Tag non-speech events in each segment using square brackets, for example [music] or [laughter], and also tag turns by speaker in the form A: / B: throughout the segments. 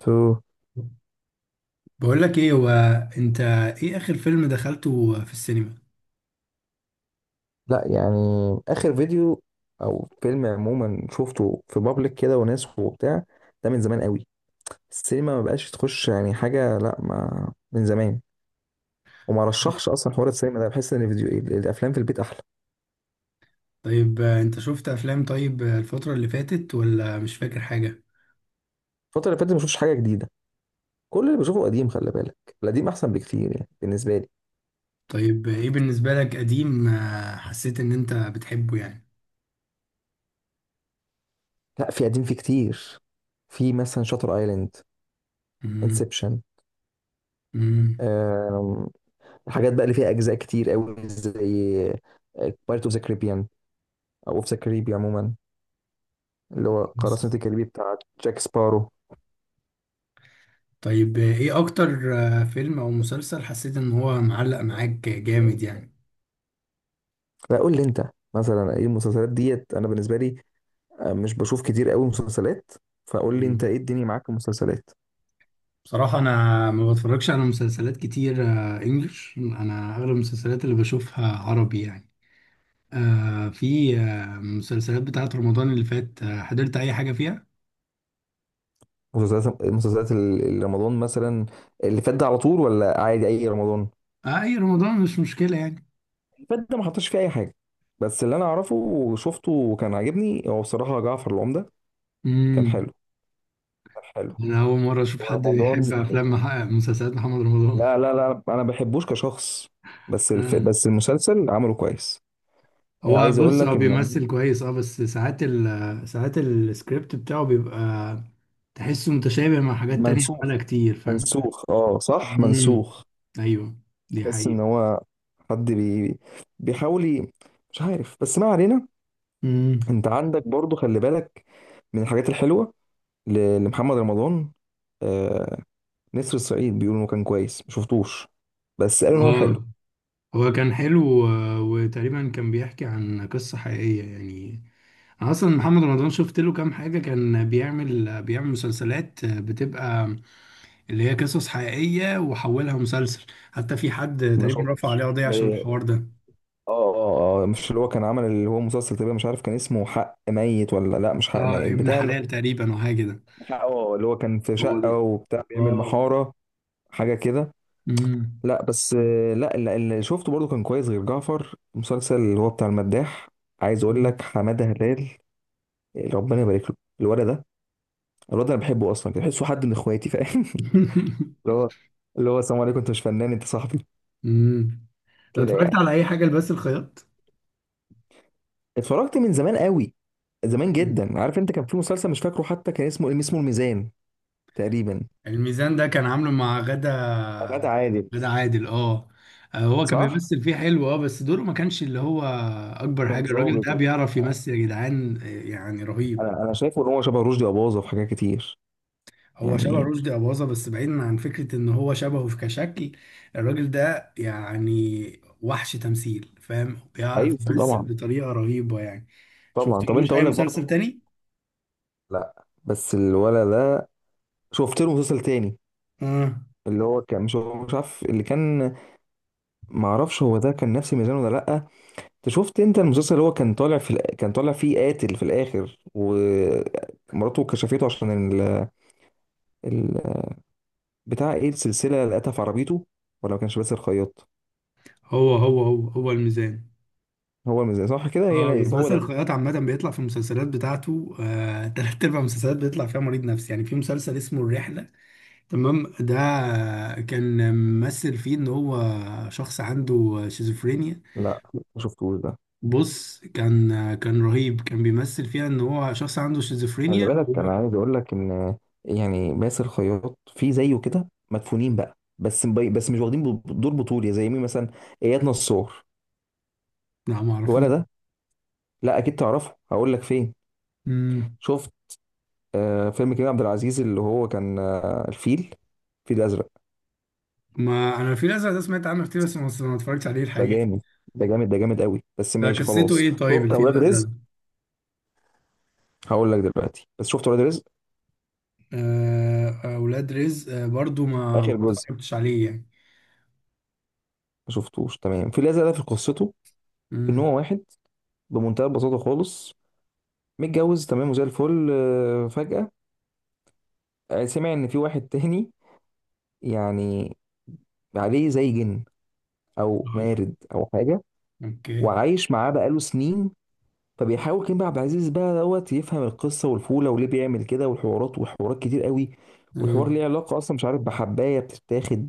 A: تو،
B: بقول لك ايه هو. انت، ايه اخر فيلم دخلته في السينما؟
A: لا يعني، اخر فيديو او فيلم عموما شفته في بابليك كده وناس وبتاع. ده من زمان قوي. السينما ما بقاش تخش يعني حاجه، لا ما من زمان. وما رشحش اصلا حوار السينما ده، بحس ان الفيديو الافلام في البيت احلى.
B: طيب، انت شفت افلام طيب، الفترة اللي فاتت ولا مش فاكر حاجة؟
A: الفتره اللي فاتت ما شفتش حاجه جديده، كل اللي بشوفه قديم، خلي بالك. القديم احسن بكتير يعني بالنسبه لي.
B: طيب، ايه بالنسبة لك قديم، حسيت ان انت بتحبه يعني؟
A: لا في قديم، في كتير. في مثلا شاتر ايلاند،
B: مم.
A: انسبشن.
B: مم.
A: الحاجات بقى اللي فيها اجزاء كتير قوي زي بايرت اوف ذا، او اوف ذا كاريبي عموما، اللي هو قراصنة
B: بس.
A: الكاريبي بتاع جاك سبارو.
B: طيب، ايه اكتر فيلم او مسلسل حسيت ان هو معلق معاك جامد يعني؟
A: لا قول لي انت مثلا، ايه المسلسلات ديت؟ انا بالنسبه لي، مش بشوف كتير قوي مسلسلات. فقول لي انت
B: مم.
A: ايه الدنيا معاك في المسلسلات.
B: بصراحة انا ما بتفرجش على مسلسلات كتير، انجلش، انا اغلب المسلسلات اللي بشوفها عربي يعني. آه، في مسلسلات بتاعت رمضان اللي فات، حضرت اي حاجة فيها؟
A: مسلسلات رمضان مثلا، اللي فات ده على طول ولا عادي اي رمضان؟
B: آه، اي رمضان مش مشكلة يعني.
A: اللي فات ده ما حطش فيه اي حاجه، بس اللي انا اعرفه وشفته وكان عاجبني هو بصراحه جعفر العمده. كان
B: امم.
A: حلو، كان حلو.
B: انا اول مرة اشوف حد
A: ورمضان،
B: يحب افلام مسلسلات محمد رمضان.
A: لا لا لا، انا ما بحبوش كشخص،
B: آه.
A: بس المسلسل عمله كويس.
B: هو
A: عايز اقول
B: بص، هو
A: لك ان
B: بيمثل كويس، بس ساعات ساعات السكريبت بتاعه بيبقى تحسه متشابه مع حاجات تانية
A: منسوخ،
B: عملها كتير، فاهم؟
A: منسوخ، اه صح،
B: امم.
A: منسوخ.
B: ايوه، دي
A: تحس
B: حقيقة.
A: ان هو حد بيحاول مش عارف، بس ما علينا.
B: امم.
A: انت عندك برضو، خلي بالك، من الحاجات الحلوه لمحمد رمضان، آه نسر الصعيد. بيقولوا انه كان كويس، ما شفتوش بس قالوا ان هو حلو.
B: اه، هو كان حلو، وتقريبا كان بيحكي عن قصة حقيقية يعني. أنا اصلا محمد رمضان شفت له كام حاجه، كان بيعمل مسلسلات بتبقى اللي هي قصص حقيقيه وحولها مسلسل. حتى في حد
A: ما
B: تقريبا رفع
A: شفتش
B: عليه قضيه عشان
A: زي-،
B: الحوار ده.
A: اه اه اه، مش اللي هو كان عمل، اللي هو مسلسل تقريبا، مش عارف كان اسمه حق ميت ولا لا، مش حق
B: اه،
A: ميت
B: ابن
A: بتاع اللي
B: حلال
A: هو،
B: تقريبا او حاجه كده.
A: اه اللي هو كان في
B: هو ده.
A: شقه وبتاع بيعمل
B: اه.
A: محاره، حاجه كده.
B: امم.
A: لا بس، لا اللي شفته برضو كان كويس غير جعفر، المسلسل اللي هو بتاع المداح. عايز اقول لك حماده هلال، ربنا يبارك له. الولد ده، الولد ده، انا بحبه اصلا، بحسه حد من اخواتي، فاهم؟ [laughs]
B: [laughs]
A: اللي هو اللي هو السلام عليكم، انت مش فنان، انت صاحبي،
B: امم.
A: كده
B: اتفرجت
A: يعني.
B: على اي حاجه لبس الخياط؟
A: اتفرجت من زمان قوي، زمان جدا. عارف انت، كان في مسلسل مش فاكره حتى كان اسمه الميزان تقريبا.
B: الميزان ده كان عامله مع غدا.
A: غادة عادل.
B: غدا عادل، اه. هو كان
A: صح؟
B: بيمثل فيه حلو، بس دوره ما كانش اللي هو اكبر حاجه.
A: كان
B: الراجل
A: ظابط
B: ده بيعرف
A: وبتاع.
B: يمثل يا جدعان، يعني رهيب.
A: انا شايفه ان هو شبه رشدي اباظة في حاجات كتير،
B: هو شبه
A: يعني.
B: رشدي اباظه، بس بعيدا عن فكره ان هو شبهه في كشكل. الراجل ده يعني وحش تمثيل، فاهم، بيعرف
A: ايوه
B: يمثل
A: طبعا،
B: بطريقه رهيبه يعني.
A: طبعا. طب
B: شفتلوش
A: انت،
B: اي
A: اقول لك برضو،
B: مسلسل تاني؟
A: لا بس الولد ده، شفت له مسلسل تاني،
B: اه،
A: اللي هو كان مش عارف اللي كان، معرفش هو ده كان نفس ميزان ولا لا. انت شفت المسلسل اللي هو كان طالع فيه قاتل في الاخر، ومراته كشفته عشان ال... بتاع ايه السلسله اللي قتلها في عربيته، ولا ما كانش باسل الخياط؟
B: هو الميزان.
A: هو الميزان، صح كده،
B: اه،
A: هي
B: بس
A: يبقى هو
B: باسل
A: ده.
B: الخياط عامة بيطلع في المسلسلات بتاعته، [laughs] تلات أرباع المسلسلات بيطلع فيها مريض نفسي يعني. في مسلسل اسمه الرحلة، تمام، ده كان ممثل فيه إن هو شخص عنده شيزوفرينيا.
A: لا ما شفتوش ده.
B: بص، كان رهيب، كان بيمثل فيها إن هو شخص عنده
A: خلي
B: شيزوفرينيا.
A: بالك، انا عايز اقول لك ان يعني باسل الخياط في زيه كده مدفونين بقى، بس مش واخدين دور بطولي زي مين مثلا؟ اياد نصار.
B: لا، معرفوش.
A: ولا ده؟ لا اكيد تعرفه، هقول لك فين.
B: مم.
A: شفت فيلم كريم عبد العزيز اللي هو كان، الفيل، الفيل الازرق؟
B: ما أنا الفيل الأزرق ده سمعت عنه كتير، بس ما اتفرجتش عليه
A: ده
B: الحقيقة.
A: جامد، ده جامد، ده جامد قوي، بس
B: ده
A: ماشي
B: قصته
A: خلاص.
B: إيه طيب
A: شفت
B: الفيل
A: اولاد
B: الأزرق
A: رزق؟
B: ده؟
A: هقول لك دلوقتي، بس شفت اولاد رزق
B: أولاد رزق، برضو ما
A: اخر جزء؟
B: اتفرجتش عليه يعني.
A: ما شفتوش تمام. في الازرق ده، في قصته، ان
B: مم.
A: هو واحد بمنتهى البساطه خالص، متجوز تمام وزي الفل، فجأة سمع ان في واحد تاني، يعني، عليه زي جن او مارد او حاجه،
B: اوكي.
A: وعايش معاه بقاله سنين. فبيحاول كريم عبد العزيز بقى دوت يفهم القصه والفوله وليه بيعمل كده، والحوارات، وحوارات كتير قوي،
B: آه.
A: والحوار ليه علاقه اصلا، مش عارف بحبايه بتتاخد،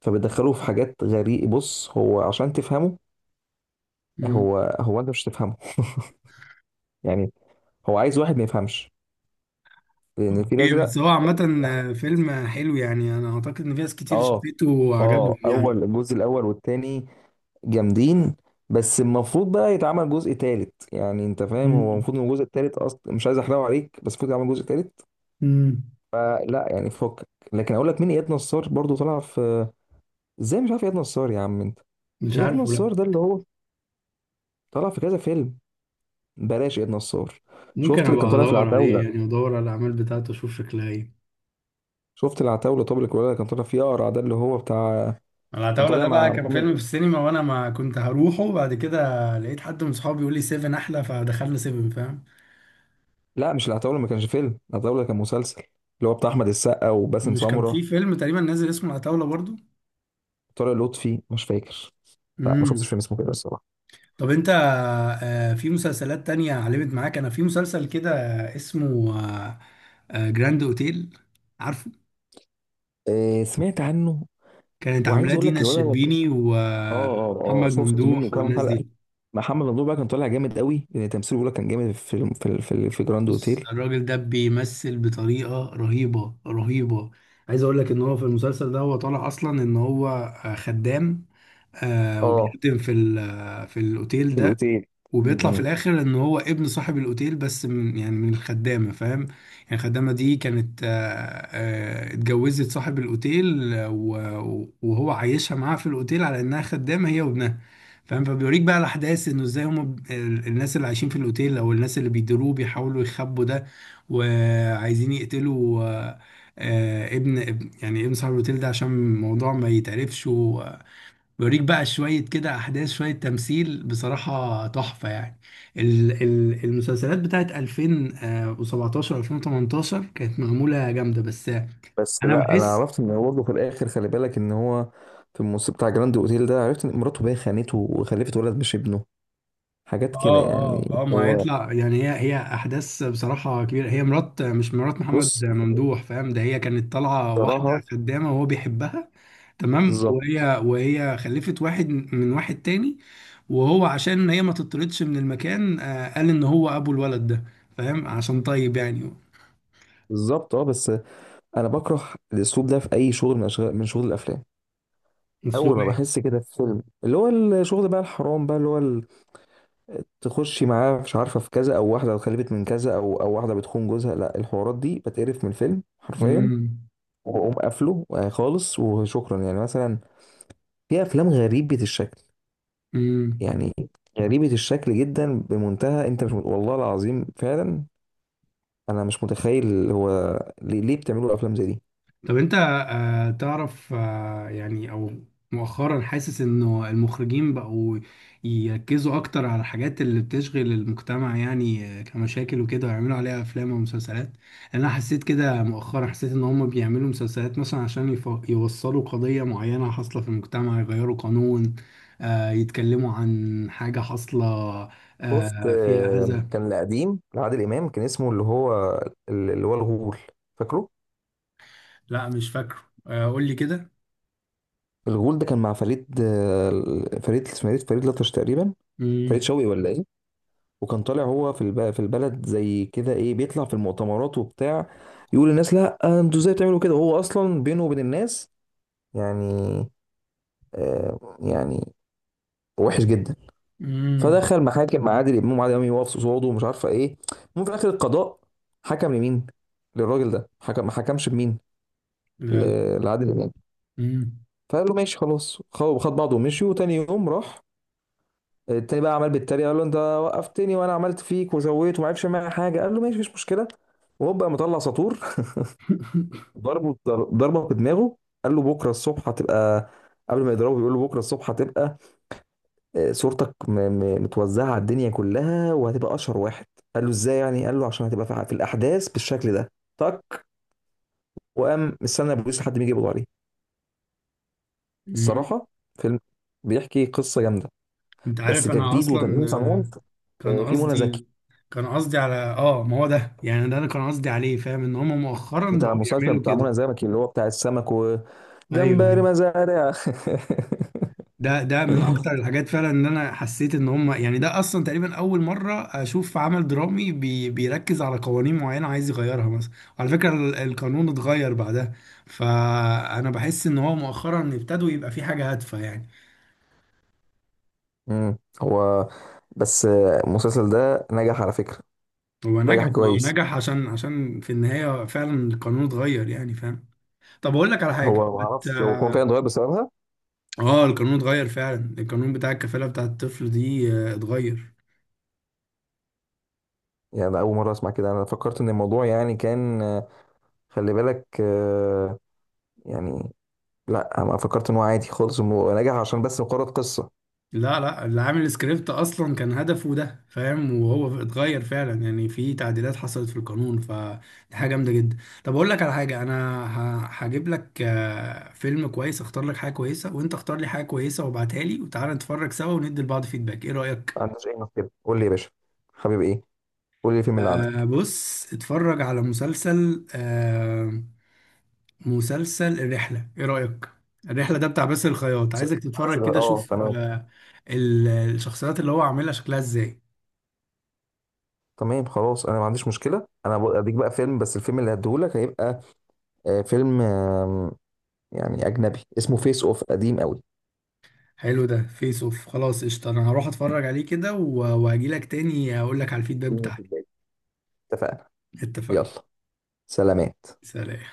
A: فبيدخله في حاجات غريبه. بص، هو عشان تفهمه،
B: مم.
A: هو انت مش تفهمه يعني، هو عايز واحد ما يفهمش، لان الفيل
B: اوكي،
A: الازرق.
B: بس هو عامة، فيلم حلو يعني. انا اعتقد ان في ناس كتير
A: اه
B: شافته وعجبهم
A: اه،
B: يعني.
A: اول الجزء، الاول والتاني جامدين، بس المفروض بقى يتعمل جزء تالت، يعني انت فاهم، هو
B: مم.
A: المفروض ان الجزء التالت اصلا، مش عايز احرقه عليك، بس المفروض يتعمل جزء تالت.
B: مم.
A: فلا يعني فكك. لكن اقول لك مين، اياد نصار برضو طلع في. ازاي مش عارف اياد نصار يا عم انت؟
B: مش
A: اياد
B: عارف، لا.
A: نصار ده، اللي هو طلع في كذا فيلم. بلاش اياد نصار.
B: ممكن
A: شفت اللي كان
B: ابقى
A: طالع في
B: ادور عليه
A: العتاولة؟
B: يعني، ادور على الاعمال بتاعته اشوف شكلها ايه.
A: شفت العتاولة؟ طب الكولا اللي كان طالع فيه اقرع ده، اللي هو بتاع، كان
B: العتاولة
A: طالع
B: ده بقى
A: مع
B: كان
A: محمد.
B: فيلم في السينما، وانا ما كنت هروحه، بعد كده لقيت حد من صحابي بيقول لي سيفن احلى فدخلنا سيفن، فاهم.
A: لا مش العتاولة، ما كانش فيلم، العتاولة كان مسلسل، اللي هو بتاع احمد السقا وباسم
B: مش كان في
A: سمرة،
B: فيلم تقريبا نازل اسمه العتاولة برضو؟
A: طارق لطفي مش فاكر. لا ما
B: مم.
A: شفتش فيلم اسمه كده الصراحه.
B: طب انت، في مسلسلات تانية علمت معاك. انا في مسلسل كده اسمه جراند اوتيل، عارفه؟
A: آه سمعت عنه.
B: كانت عاملاه
A: وعايز اقول
B: دينا
A: لك الوضع، اه
B: الشربيني
A: اه اه،
B: ومحمد
A: شفت منه
B: ممدوح
A: كام
B: والناس
A: حلقه.
B: دي.
A: محمد ممدوح بقى كان طالع جامد قوي، لان تمثيله بيقول لك كان جامد في جراند
B: بص،
A: اوتيل.
B: الراجل ده بيمثل بطريقة رهيبة رهيبة. عايز اقول لك ان هو في المسلسل ده هو طالع اصلا ان هو خدام،
A: اه،
B: وبيخدم في الاوتيل
A: في
B: ده.
A: الاوتيل. م-
B: وبيطلع في
A: م.
B: الاخر ان هو ابن صاحب الاوتيل، بس من يعني الخدامه، فاهم. يعني الخدامه دي كانت، اتجوزت صاحب الاوتيل، و- وهو عايشها معاها في الاوتيل على انها خدامه هي وابنها، فاهم. فبيوريك بقى الاحداث انه ازاي هم الناس اللي عايشين في الاوتيل او الناس اللي بيديروه بيحاولوا يخبوا ده. وعايزين يقتلوا يعني ابن صاحب الاوتيل ده عشان الموضوع ما يتعرفش. بيوريك بقى شوية كده أحداث، شوية تمثيل بصراحة تحفة يعني. المسلسلات بتاعت 2017 2018 كانت معمولة جامدة بس.
A: بس
B: أنا
A: لا، انا
B: بحس
A: عرفت ان هو برضه في الاخر، خلي بالك ان هو في الموسم بتاع جراند اوتيل ده، عرفت ان مراته بقى خانته وخلفت ولد مش ابنه، حاجات كده يعني.
B: ما
A: هو،
B: هيطلع يعني. هي أحداث بصراحة كبيرة، هي مرات مش مرات محمد
A: بص،
B: ممدوح، فاهم، ده هي كانت طالعة واحدة
A: بصراحه.
B: خدامة وهو بيحبها تمام.
A: بالظبط.
B: وهي خلفت واحد من واحد تاني، وهو عشان هي ما تطردش من المكان، قال ان هو ابو الولد ده، فاهم، عشان طيب يعني.
A: بالظبط، اه، بس انا بكره الاسلوب ده في اي شغل، من شغل الافلام. اول
B: اسلوب
A: ما
B: ايه؟
A: بحس كده في فيلم، اللي هو الشغل بقى الحرام بقى، اللي هو تخشي معاه، مش عارفه، في كذا او واحده اتخلفت من كذا، او واحده بتخون جوزها، لا، الحوارات دي بتقرف من الفيلم حرفيا، واقوم قافله خالص، وشكرا يعني. مثلا في افلام غريبه الشكل،
B: امم.
A: يعني غريبه الشكل جدا بمنتهى، انت مش والله العظيم فعلا انا مش متخيل هو ليه، بتعملوا افلام زي دي.
B: طب انت تعرف يعني، او مؤخرا حاسس انه المخرجين بقوا يركزوا اكتر على الحاجات اللي بتشغل المجتمع يعني، كمشاكل وكده، ويعملوا عليها افلام ومسلسلات. انا حسيت كده مؤخرا، حسيت ان هم بيعملوا مسلسلات مثلا عشان يوصلوا قضية معينة حاصلة في المجتمع، يغيروا قانون، يتكلموا عن حاجة حاصلة
A: شفت،
B: فيها اذى.
A: كان القديم لعادل امام كان اسمه، اللي هو اللي هو الغول، فاكره؟
B: لا، مش فاكره. قول لي كده.
A: الغول ده كان مع فريد، فريد، اسمه فريد، لطش تقريبا، فريد
B: امم.
A: شوقي ولا ايه. وكان طالع هو في البلد، زي كده ايه، بيطلع في المؤتمرات وبتاع، يقول للناس لا انتوا ازاي بتعملوا كده، وهو اصلا بينه وبين الناس، يعني يعني وحش جدا. فدخل محاكم مع عادل امام، وعادل امام يقف قصاده، ومش عارفه ايه. المهم، في الاخر القضاء حكم لمين؟ للراجل ده حكم، ما حكمش بمين، لعادل امام.
B: امم.
A: فقال له ماشي خلاص، خد بعضه ومشي. وتاني يوم راح التاني، بقى عمال بيتريق، قال له انت وقفتني وانا عملت فيك وزويت وما عرفش معايا حاجه. قال له ماشي، مفيش مشكله. وهو بقى مطلع ساطور [laughs] ضربه، ضربه بدماغه. قال له بكره الصبح هتبقى، قبل ما يضربه بيقول له بكره الصبح هتبقى، صورتك متوزعه على الدنيا كلها، وهتبقى اشهر واحد. قال له ازاي يعني؟ قال له عشان هتبقى في الاحداث بالشكل ده. تك. وقام مستنى البوليس لحد ما يجي يقبض عليه. الصراحه فيلم بيحكي قصه جامده،
B: انت
A: بس
B: عارف انا
A: كجديد
B: اصلا
A: وتغيير صنعون.
B: آه، كان
A: في منى زكي
B: قصدي كان قصدي على ما هو ده يعني. ده انا كان قصدي عليه، فاهم، ان هم مؤخرا
A: بتاع
B: بقوا
A: المسلسل،
B: يعملوا
A: بتاع
B: كده.
A: منى زكي اللي هو بتاع السمك
B: ايوه،
A: وجمبري
B: ايوه.
A: مزارع [laughs]
B: ده من اكتر الحاجات فعلا، ان انا حسيت ان هم يعني ده اصلا تقريبا اول مره اشوف عمل درامي بيركز على قوانين معينه عايز يغيرها مثلا. وعلى فكره القانون اتغير بعدها. فانا بحس ان هو مؤخرا ابتدوا يبقى في حاجه هادفه يعني.
A: هو بس، المسلسل ده نجح على فكرة،
B: هو نجح،
A: نجح
B: ما هو
A: كويس.
B: نجح عشان في النهايه فعلا القانون اتغير يعني، فاهم. طب اقول لك على حاجه
A: هو ما
B: بت...
A: اعرفش هو كان فعلا
B: اه
A: اتغير بسببها،
B: القانون اتغير فعلا، القانون بتاع الكفاله بتاع الطفل دي، اتغير.
A: يعني أنا أول مرة أسمع كده. أنا فكرت إن الموضوع يعني كان، خلي بالك، يعني، لا، أنا فكرت إن هو عادي خالص، إنه نجح عشان بس مجرد قصة.
B: لا، لا، اللي عامل السكريبت اصلا كان هدفه ده، فاهم، وهو اتغير فعلا يعني، في تعديلات حصلت في القانون، فدي حاجه جامده جدا. طب اقول لك على حاجه: انا هجيب لك فيلم كويس، اختار لك حاجه كويسه وانت اختار لي حاجه كويسه وابعتها لي وتعالى نتفرج سوا وندي لبعض فيدباك، ايه
A: ما
B: رايك؟
A: عندوش أي مشكلة، قول لي يا باشا حبيبي، إيه؟ قول لي الفيلم اللي عندك.
B: بص، اتفرج على مسلسل، مسلسل الرحلة، ايه رأيك؟ الرحلة ده بتاع باسل الخياط، عايزك تتفرج كده
A: اه
B: شوف
A: تمام.
B: الشخصيات اللي هو عاملها شكلها ازاي.
A: تمام، خلاص، انا ما عنديش مشكله، انا اديك بقى فيلم، بس الفيلم اللي هديهولك هيبقى، فيلم يعني اجنبي، اسمه فيس اوف، قديم قوي.
B: حلو، ده فيس اوف، خلاص قشطة، انا هروح اتفرج عليه كده واجيلك تاني اقول لك على الفيدباك بتاعي.
A: اتفقنا.
B: اتفقنا.
A: يلا، سلامات.
B: سلام